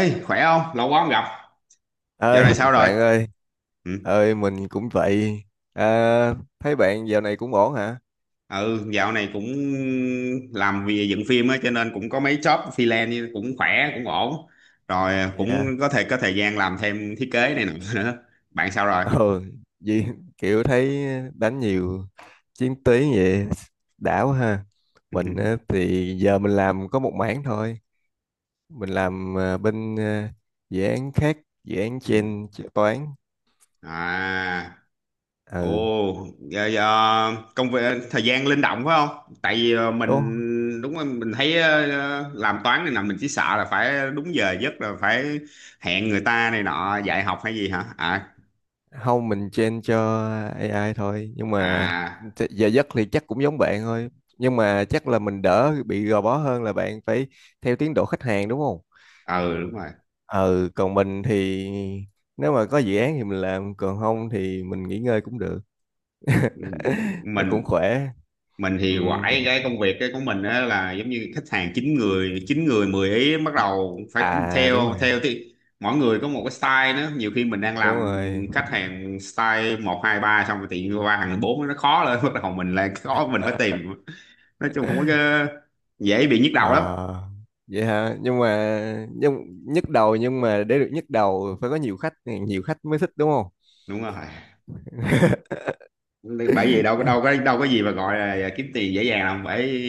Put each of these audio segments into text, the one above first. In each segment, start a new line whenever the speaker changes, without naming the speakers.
Ê, khỏe không? Lâu quá không gặp. Dạo
Ơi.
này sao rồi?
Bạn ơi.
Ừ,
Ơi mình cũng vậy. À, thấy bạn giờ này cũng ổn hả?
ừ dạo này cũng làm việc dựng phim á cho nên cũng có mấy job freelance cũng khỏe, cũng ổn. Rồi à, cũng
Dạ.
có thể có thời gian làm thêm thiết kế này nọ nữa. Bạn sao rồi?
Ừ, vì kiểu thấy đánh nhiều chiến tuyến vậy, đã quá ha. Mình á, thì giờ mình làm có một mảng thôi. Mình làm à, bên à, dự án khác, dự án
Ừ.
trên toán.
À,
Ừ.
ồ, giờ công việc thời gian linh động phải không? Tại vì
Đúng.
mình đúng rồi, mình thấy làm toán này nọ mình chỉ sợ là phải đúng giờ giấc là phải hẹn người ta này nọ dạy học hay gì hả? À,
Không, mình train cho AI thôi, nhưng mà
à
giờ giấc thì chắc cũng giống bạn thôi, nhưng mà chắc là mình đỡ bị gò bó hơn là bạn phải theo tiến độ khách hàng, đúng không?
ừ đúng rồi,
Ừ, còn mình thì nếu mà có dự án thì mình làm, còn không thì mình nghỉ ngơi cũng được. Nó cũng
mình
khỏe.
mình
Ừ.
thì quải cái công việc cái của mình á là giống như khách hàng chín người mười ý, bắt đầu phải
À, đúng
theo
rồi.
theo thì mỗi người có một cái style nữa, nhiều khi mình đang
Đúng
làm
rồi.
khách hàng style một hai ba, xong rồi tự nhiên qua hàng bốn nó khó lên, bắt đầu mình lại khó, mình phải tìm, nói chung không có cái- dễ bị nhức đầu lắm.
Ờ, vậy hả? Nhưng mà nhức đầu, nhưng mà để được nhức đầu phải có nhiều khách, nhiều khách mới thích, đúng không?
Đúng rồi, bởi vì đâu có
Nhưng...
đâu có đâu có gì mà gọi là kiếm tiền dễ dàng đâu, phải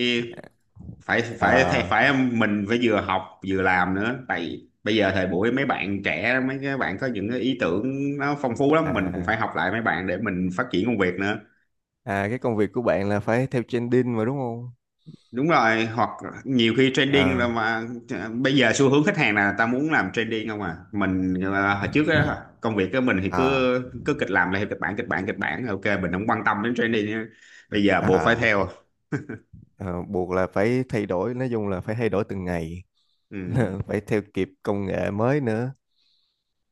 phải phải phải
Ờ.
phải mình phải vừa học vừa làm nữa, tại bây giờ thời buổi mấy bạn trẻ mấy cái bạn có những cái ý tưởng nó phong phú lắm, mình cũng phải
À.
học lại mấy bạn để mình phát triển công việc nữa.
À, cái công việc của bạn là phải theo trending mà, đúng không?
Đúng rồi, hoặc nhiều khi trending là
Ờ.
mà bây giờ xu hướng khách hàng là ta muốn làm trending không à, mình à, hồi trước á, công việc của mình thì
À.
cứ cứ kịch làm là theo kịch bản kịch bản kịch bản, ok mình không quan tâm đến trending á. Bây giờ buộc phải
à
theo.
ờ, Buộc là phải thay đổi, nói chung là phải thay đổi từng ngày. Phải theo kịp công nghệ mới nữa.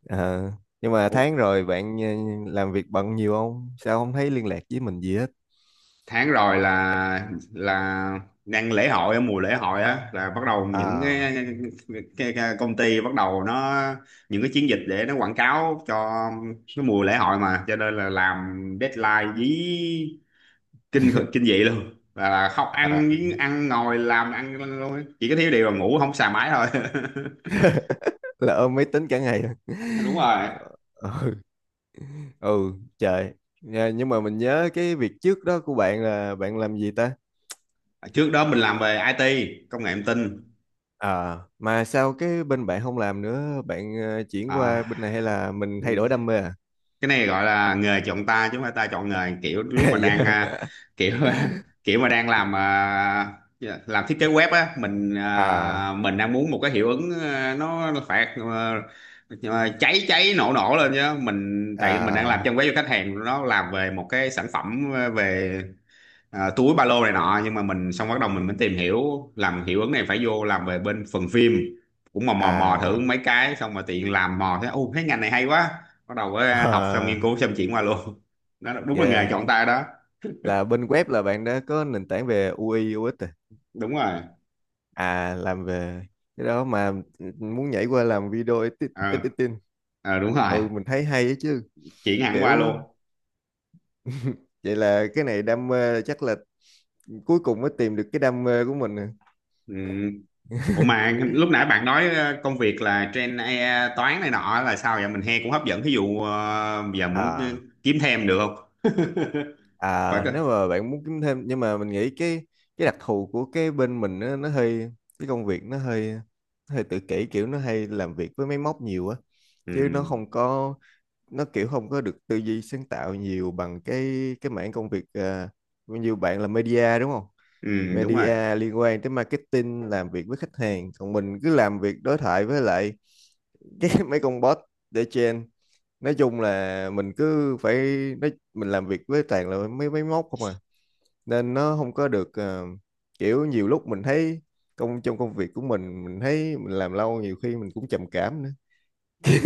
Ờ, nhưng mà tháng
Ừ.
rồi bạn làm việc bận nhiều không? Sao không thấy liên lạc với mình gì hết?
Tháng rồi là đang lễ hội, ở mùa lễ hội á là bắt đầu những
À.
cái công ty bắt đầu nó những cái chiến dịch để nó quảng cáo cho cái mùa lễ hội mà, cho nên là làm deadline dí kinh khủng- kinh dị luôn, là không
À,
ăn ăn ngồi làm ăn luôn á. Chỉ có thiếu điều là ngủ không xài máy thôi.
là ôm máy tính cả ngày.
Đúng rồi,
Ừ. Ừ, trời. Dạ, nhưng mà mình nhớ cái việc trước đó của bạn là bạn làm gì ta?
trước đó mình làm
Ờ.
về IT, công nghệ thông tin.
À, mà sao cái bên bạn không làm nữa, bạn chuyển qua
à,
bên này hay là mình thay đổi đam mê à?
cái này gọi là nghề chọn ta chứ không phải ta chọn nghề, kiểu lúc mà
Dạ.
đang kiểu kiểu mà đang làm dạ, làm thiết kế web á, mình
À.
à, mình đang muốn một cái hiệu ứng nó phải cháy cháy nổ nổ lên chứ, mình tại vì mình đang làm
À.
trang web cho khách hàng nó làm về một cái sản phẩm về túi ba lô này nọ, nhưng mà mình xong bắt đầu mình mới tìm hiểu làm hiệu ứng này phải vô làm về bên phần phim, cũng mò mò
À,
mò thử
là.
mấy cái, xong mà tiện làm mò thấy ô cái ngành này hay quá, bắt đầu học xong nghiên
À.
cứu xong chuyển qua luôn đó là- đúng là
Dạ.
nghề chọn tay đó.
Là bên web là bạn đã có nền tảng về UI, UX rồi. À.
Đúng rồi.
À, làm về cái đó mà. Ừ, muốn nhảy qua làm video
ờ
editing.
Đúng rồi,
Hồi mình thấy hay ấy chứ,
chuyển hẳn qua
kiểu...
luôn.
vậy là cái này đam mê, chắc là cuối cùng mới tìm được cái đam mê của mình.
Ừ. Ủa mà lúc nãy bạn nói công việc là trên AI toán này nọ là sao vậy, mình nghe cũng hấp dẫn, thí dụ giờ muốn
À.
kiếm thêm được không? Phải
À,
cơ.
nếu mà bạn muốn kiếm thêm, nhưng mà mình nghĩ cái đặc thù của cái bên mình, nó hơi... cái công việc nó hơi, nó hơi tự kỷ, kiểu nó hay làm việc với máy móc nhiều á, chứ nó
Ừ.
không có, nó kiểu không có được tư duy sáng tạo nhiều bằng cái mảng công việc à, nhiều bạn là media, đúng không?
Ừ đúng rồi.
Media liên quan tới marketing, làm việc với khách hàng, còn mình cứ làm việc đối thoại với lại cái mấy con bot để trên. Nói chung là mình cứ phải nói, mình làm việc với toàn là mấy máy móc không à, nên nó không có được kiểu... Nhiều lúc mình thấy trong công việc của mình thấy mình làm lâu nhiều khi mình cũng trầm cảm nữa.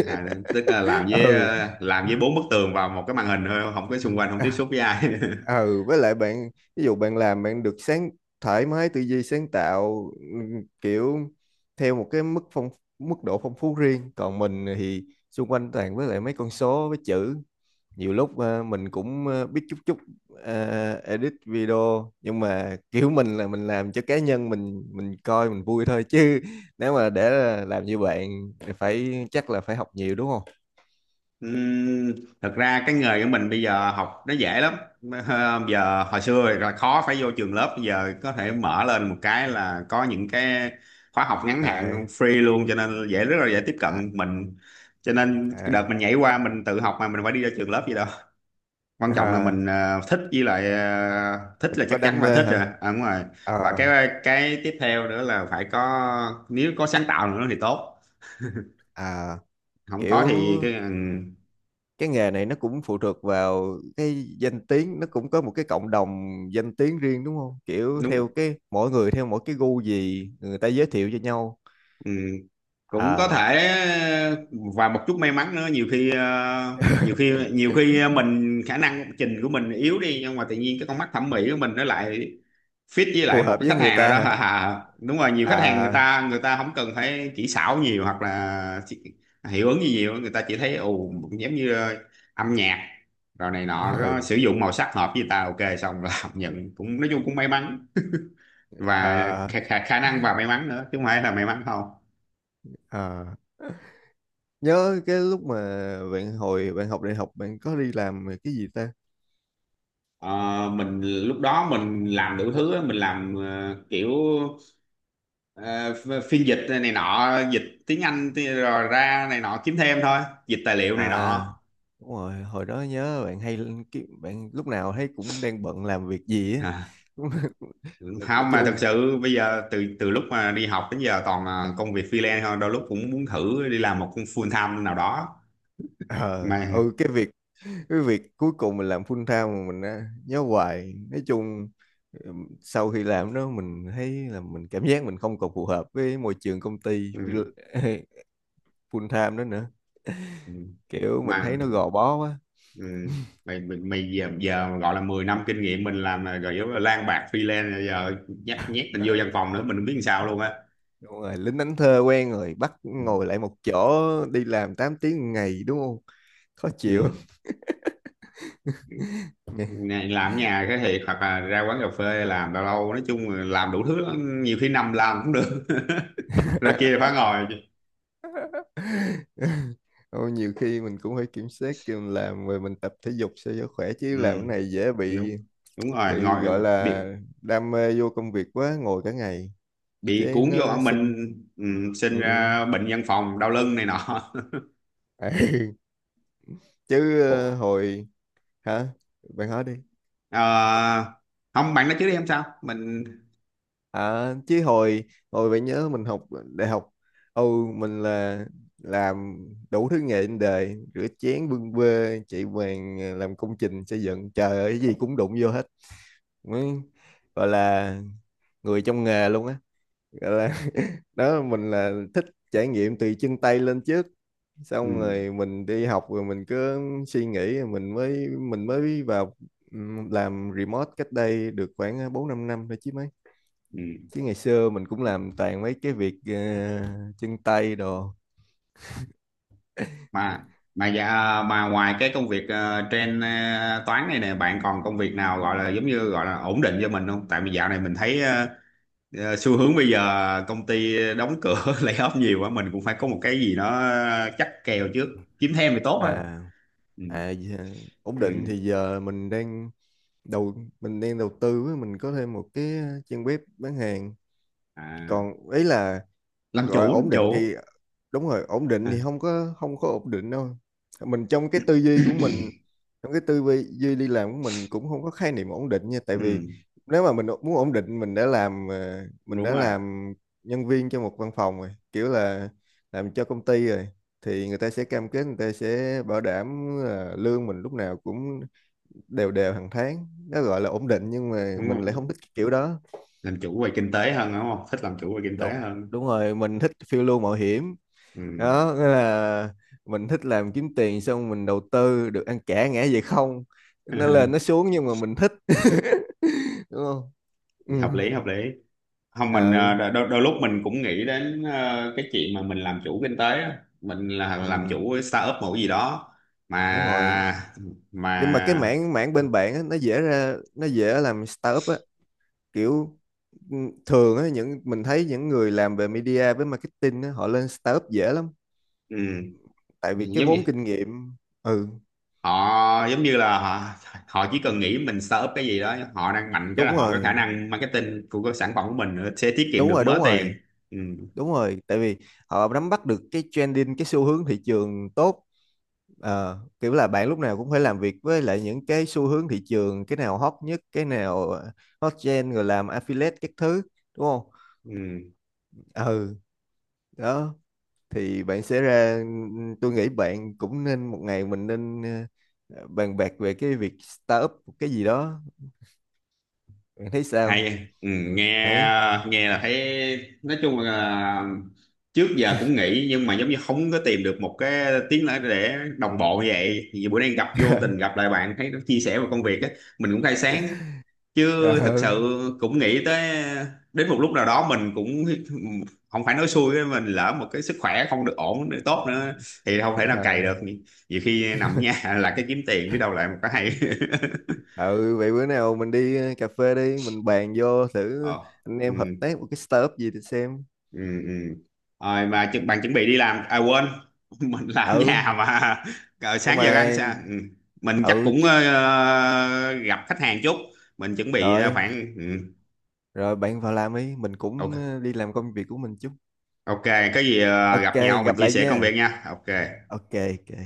À, tức là làm với
Ừ.
làm với bốn bức tường vào một cái màn hình thôi, không có xung quanh, không tiếp
À.
xúc với ai.
Ừ, với lại bạn, ví dụ bạn làm bạn được sáng thoải mái tư duy sáng tạo, kiểu theo một cái mức độ phong phú riêng, còn mình thì xung quanh toàn với lại mấy con số với chữ. Nhiều lúc mình cũng biết chút chút edit video, nhưng mà kiểu mình là mình làm cho cá nhân mình coi mình vui thôi chứ, nếu mà để là làm như bạn thì phải, chắc là phải học nhiều, đúng không?
Ừm, thật ra cái nghề của mình bây giờ học nó dễ lắm. Ờ, giờ hồi xưa là khó phải vô trường lớp, bây giờ có thể mở lên một cái là có những cái khóa học ngắn
À.
hạn free luôn, cho nên dễ, rất là dễ tiếp
À.
cận mình, cho nên cái
À.
đợt mình nhảy qua mình tự học mà, mình phải đi ra trường lớp gì đâu. Quan trọng là
À,
mình thích, với lại thích
mình
là
có
chắc chắn
đam
phải
mê
thích rồi,
hả?
à, đúng rồi.
À.
Và cái tiếp theo nữa là phải có, nếu có sáng tạo nữa thì tốt,
À,
không có
kiểu
thì cái ừ,
cái nghề này nó cũng phụ thuộc vào cái danh tiếng, nó cũng có một cái cộng đồng danh tiếng riêng, đúng không? Kiểu theo
đúng.
cái mỗi người, theo mỗi cái gu gì, người ta giới thiệu cho nhau.
Ừ, cũng có
À,
thể. Và một chút may mắn nữa, nhiều khi nhiều khi mình khả năng trình của mình yếu đi, nhưng mà tự nhiên cái con mắt thẩm mỹ của mình nó lại fit với
phù
lại một
hợp
cái
với
khách
người
hàng nào
ta
đó.
hả?
À, đúng rồi, nhiều khách hàng
À.
người ta không cần phải kỹ xảo nhiều, hoặc là chỉ- hiệu ứng gì nhiều, người ta chỉ thấy ồ giống như âm nhạc rồi này nọ, có
Ừ.
sử dụng màu sắc hợp với người ta ok xong là học nhận cũng, nói chung cũng may mắn và khả,
À.
khả, khả năng và may mắn nữa chứ không phải là may mắn không.
À, nhớ cái lúc mà bạn, hồi bạn học đại học bạn có đi làm cái gì ta?
Ờ, mình lúc đó mình làm đủ thứ á, mình làm kiểu phiên dịch này nọ, dịch tiếng Anh, rồi ra này nọ kiếm thêm thôi, dịch tài liệu này nọ.
À, đúng rồi, hồi đó nhớ bạn hay lên bạn lúc nào thấy cũng đang bận làm việc gì á. Nói
Không mà thật
chung...
sự bây giờ từ từ lúc mà đi học đến giờ toàn là công việc freelance thôi, đôi lúc cũng muốn thử đi làm một công full time nào đó
ờ
mà
ừ, cái việc, cái việc cuối cùng mình làm full time mà mình á, nhớ hoài. Nói chung sau khi làm đó mình thấy là mình cảm giác mình không còn phù hợp với môi trường công ty
ừ,
full time đó nữa,
ừ,
kiểu mình
mà
thấy nó gò bó quá.
ừ, mày mày, mày giờ gọi là 10 năm kinh nghiệm mình làm là rồi yếu là lang bạc freelance rồi, giờ nhét nhét mình vô văn phòng nữa mình không biết làm sao luôn á.
Đúng rồi, lính đánh thuê quen rồi bắt ngồi lại một chỗ đi làm 8 tiếng một ngày, đúng không? Khó chịu.
Ừ. Này, làm ở nhà cái thiệt, hoặc là ra quán cà phê làm lâu lâu, nói chung là làm đủ thứ lắm. Nhiều khi nằm làm cũng được. Rồi kia phải ngồi.
Ôi, nhiều khi mình cũng phải kiểm soát, khi mình làm rồi mình tập thể dục sao cho khỏe,
Ừ.
chứ làm cái này dễ
đúng
bị
đúng rồi
bị gọi
ngồi
là
bị
đam mê vô công việc quá, ngồi cả ngày
bị
cái
cuốn vô ở
nó sinh.
mình, ừ,
Ừ.
sinh ra bệnh văn phòng đau lưng này nọ.
Chứ
Ủa?
hồi... hả? Bạn hỏi đi.
Ờ, không bạn nói trước đi em sao mình.
À, chứ hồi, bạn nhớ mình học đại học, ừ, mình là làm đủ thứ nghề trên đời: rửa chén, bưng bê, chạy vàng, làm công trình xây dựng, trời ơi cái gì cũng đụng vô hết, mới gọi là người trong nghề luôn á, gọi là đó. Mình là thích trải nghiệm từ chân tay lên trước,
Ừ,
xong rồi mình đi học rồi mình cứ suy nghĩ, rồi mình mới vào. Ừ, làm remote cách đây được khoảng 4-5 năm thôi chứ mấy,
ừ.
chứ ngày xưa mình cũng làm toàn mấy cái việc chân tay đồ.
mà mà dạ, mà ngoài cái công việc trên toán này nè, bạn còn công việc nào gọi là giống như gọi là ổn định cho mình không, tại vì dạo này mình thấy xu hướng bây giờ công ty đóng cửa lay off nhiều quá, mình cũng phải có một cái gì nó chắc kèo trước, kiếm thêm thì tốt thôi.
À.
Ừ.
à giờ- Ổn định
Ừ.
thì giờ mình đang đầu đầu tư á, mình có thêm một cái trang web bán hàng.
À,
Còn ấy là,
làm
gọi
chủ, làm
ổn định
chủ
thì, đúng rồi, ổn định
à.
thì không có, không có ổn định đâu. Mình trong cái tư duy của mình, trong cái tư duy duy đi làm của mình cũng không có khái niệm ổn định nha, tại vì
Ừ.
nếu mà mình muốn ổn định, mình đã làm ờ, mình
Đúng
đã
rồi,
làm nhân viên cho một văn phòng rồi, kiểu là làm cho công ty rồi, thì người ta sẽ cam kết, người ta sẽ bảo đảm là lương mình lúc nào cũng đều đều hàng tháng, nó gọi là ổn định, nhưng mà
đúng
mình lại
rồi,
không thích cái kiểu đó.
làm chủ về kinh tế hơn đúng không, thích làm chủ về kinh tế
Đúng.
hơn.
Đúng rồi, mình thích phiêu lưu mạo hiểm.
Ừ.
Đó, nghĩa là mình thích làm kiếm tiền xong mình đầu tư, được ăn cả ngã về không, nó lên nó xuống nhưng mà mình thích. Đúng không? Ừ.
Hợp lý, hợp lý. Không mình
ờ
đôi lúc mình cũng nghĩ đến cái chuyện mà mình làm chủ kinh tế á, mình là làm
ừ.
chủ cái startup một cái gì đó.
Đúng rồi,
mà
nhưng mà cái
mà
mảng mảng bên bạn á, nó dễ làm startup á, kiểu... Ừ, thường á, mình thấy những người làm về media với marketing á, họ lên startup dễ lắm,
ừ,
tại vì cái
giống như
vốn kinh nghiệm. Ừ.
họ giống như là họ họ chỉ cần nghĩ mình startup cái gì đó, họ đang mạnh cái là
Đúng
họ có khả
rồi.
năng marketing của cái sản phẩm của mình nữa, sẽ tiết kiệm
Đúng
được
rồi.
mớ
Đúng
tiền.
rồi.
Ừ,
Đúng rồi, tại vì họ nắm bắt được cái trending, cái xu hướng thị trường tốt. Ờ, kiểu là bạn lúc nào cũng phải làm việc với lại những cái xu hướng thị trường, cái nào hot nhất, cái nào hot trend rồi làm affiliate các thứ, đúng không?
ừ.
Ừ. Đó, thì bạn sẽ ra, tôi nghĩ bạn cũng nên, một ngày mình nên bàn bạc về cái việc startup cái gì đó, bạn thấy sao?
Hay ừ, nghe
Đấy.
nghe là thấy, nói chung là trước giờ cũng nghĩ, nhưng mà giống như không có tìm được một cái tiếng nói để đồng bộ, như vậy thì bữa nay gặp vô tình gặp lại bạn thấy nó chia sẻ về công việc á, mình cũng khai sáng, chứ thật
Ờ.
sự cũng nghĩ tới đến một lúc nào đó mình cũng, không phải nói xui với mình, lỡ một cái sức khỏe không được ổn được tốt nữa thì không thể nào cày
Ờ.
được, nhiều khi nằm ở nhà là cái kiếm tiền biết đâu lại một cái hay.
Ừ, vậy bữa nào mình đi cà phê đi, mình bàn vô thử,
Ờ.
anh
Ừ.
em hợp tác một cái startup gì thì xem.
Ừ. Ừ. Rồi mà bạn chuẩn bị đi làm à, quên. Mình làm ở
Ừ,
nhà mà. Ờ,
nhưng
sáng giờ ăn
mà...
sao ừ. Mình chắc
ừ
cũng
chút.
gặp khách hàng chút, mình chuẩn bị
Rồi.
khoảng ừ.
Rồi, bạn vào làm đi, mình cũng
Ok,
đi làm công việc của mình chút.
ok, có gì
Ok.
gặp nhau mình
Gặp
chia
lại
sẻ công
nha.
việc nha. Ok.
Ok. Ok.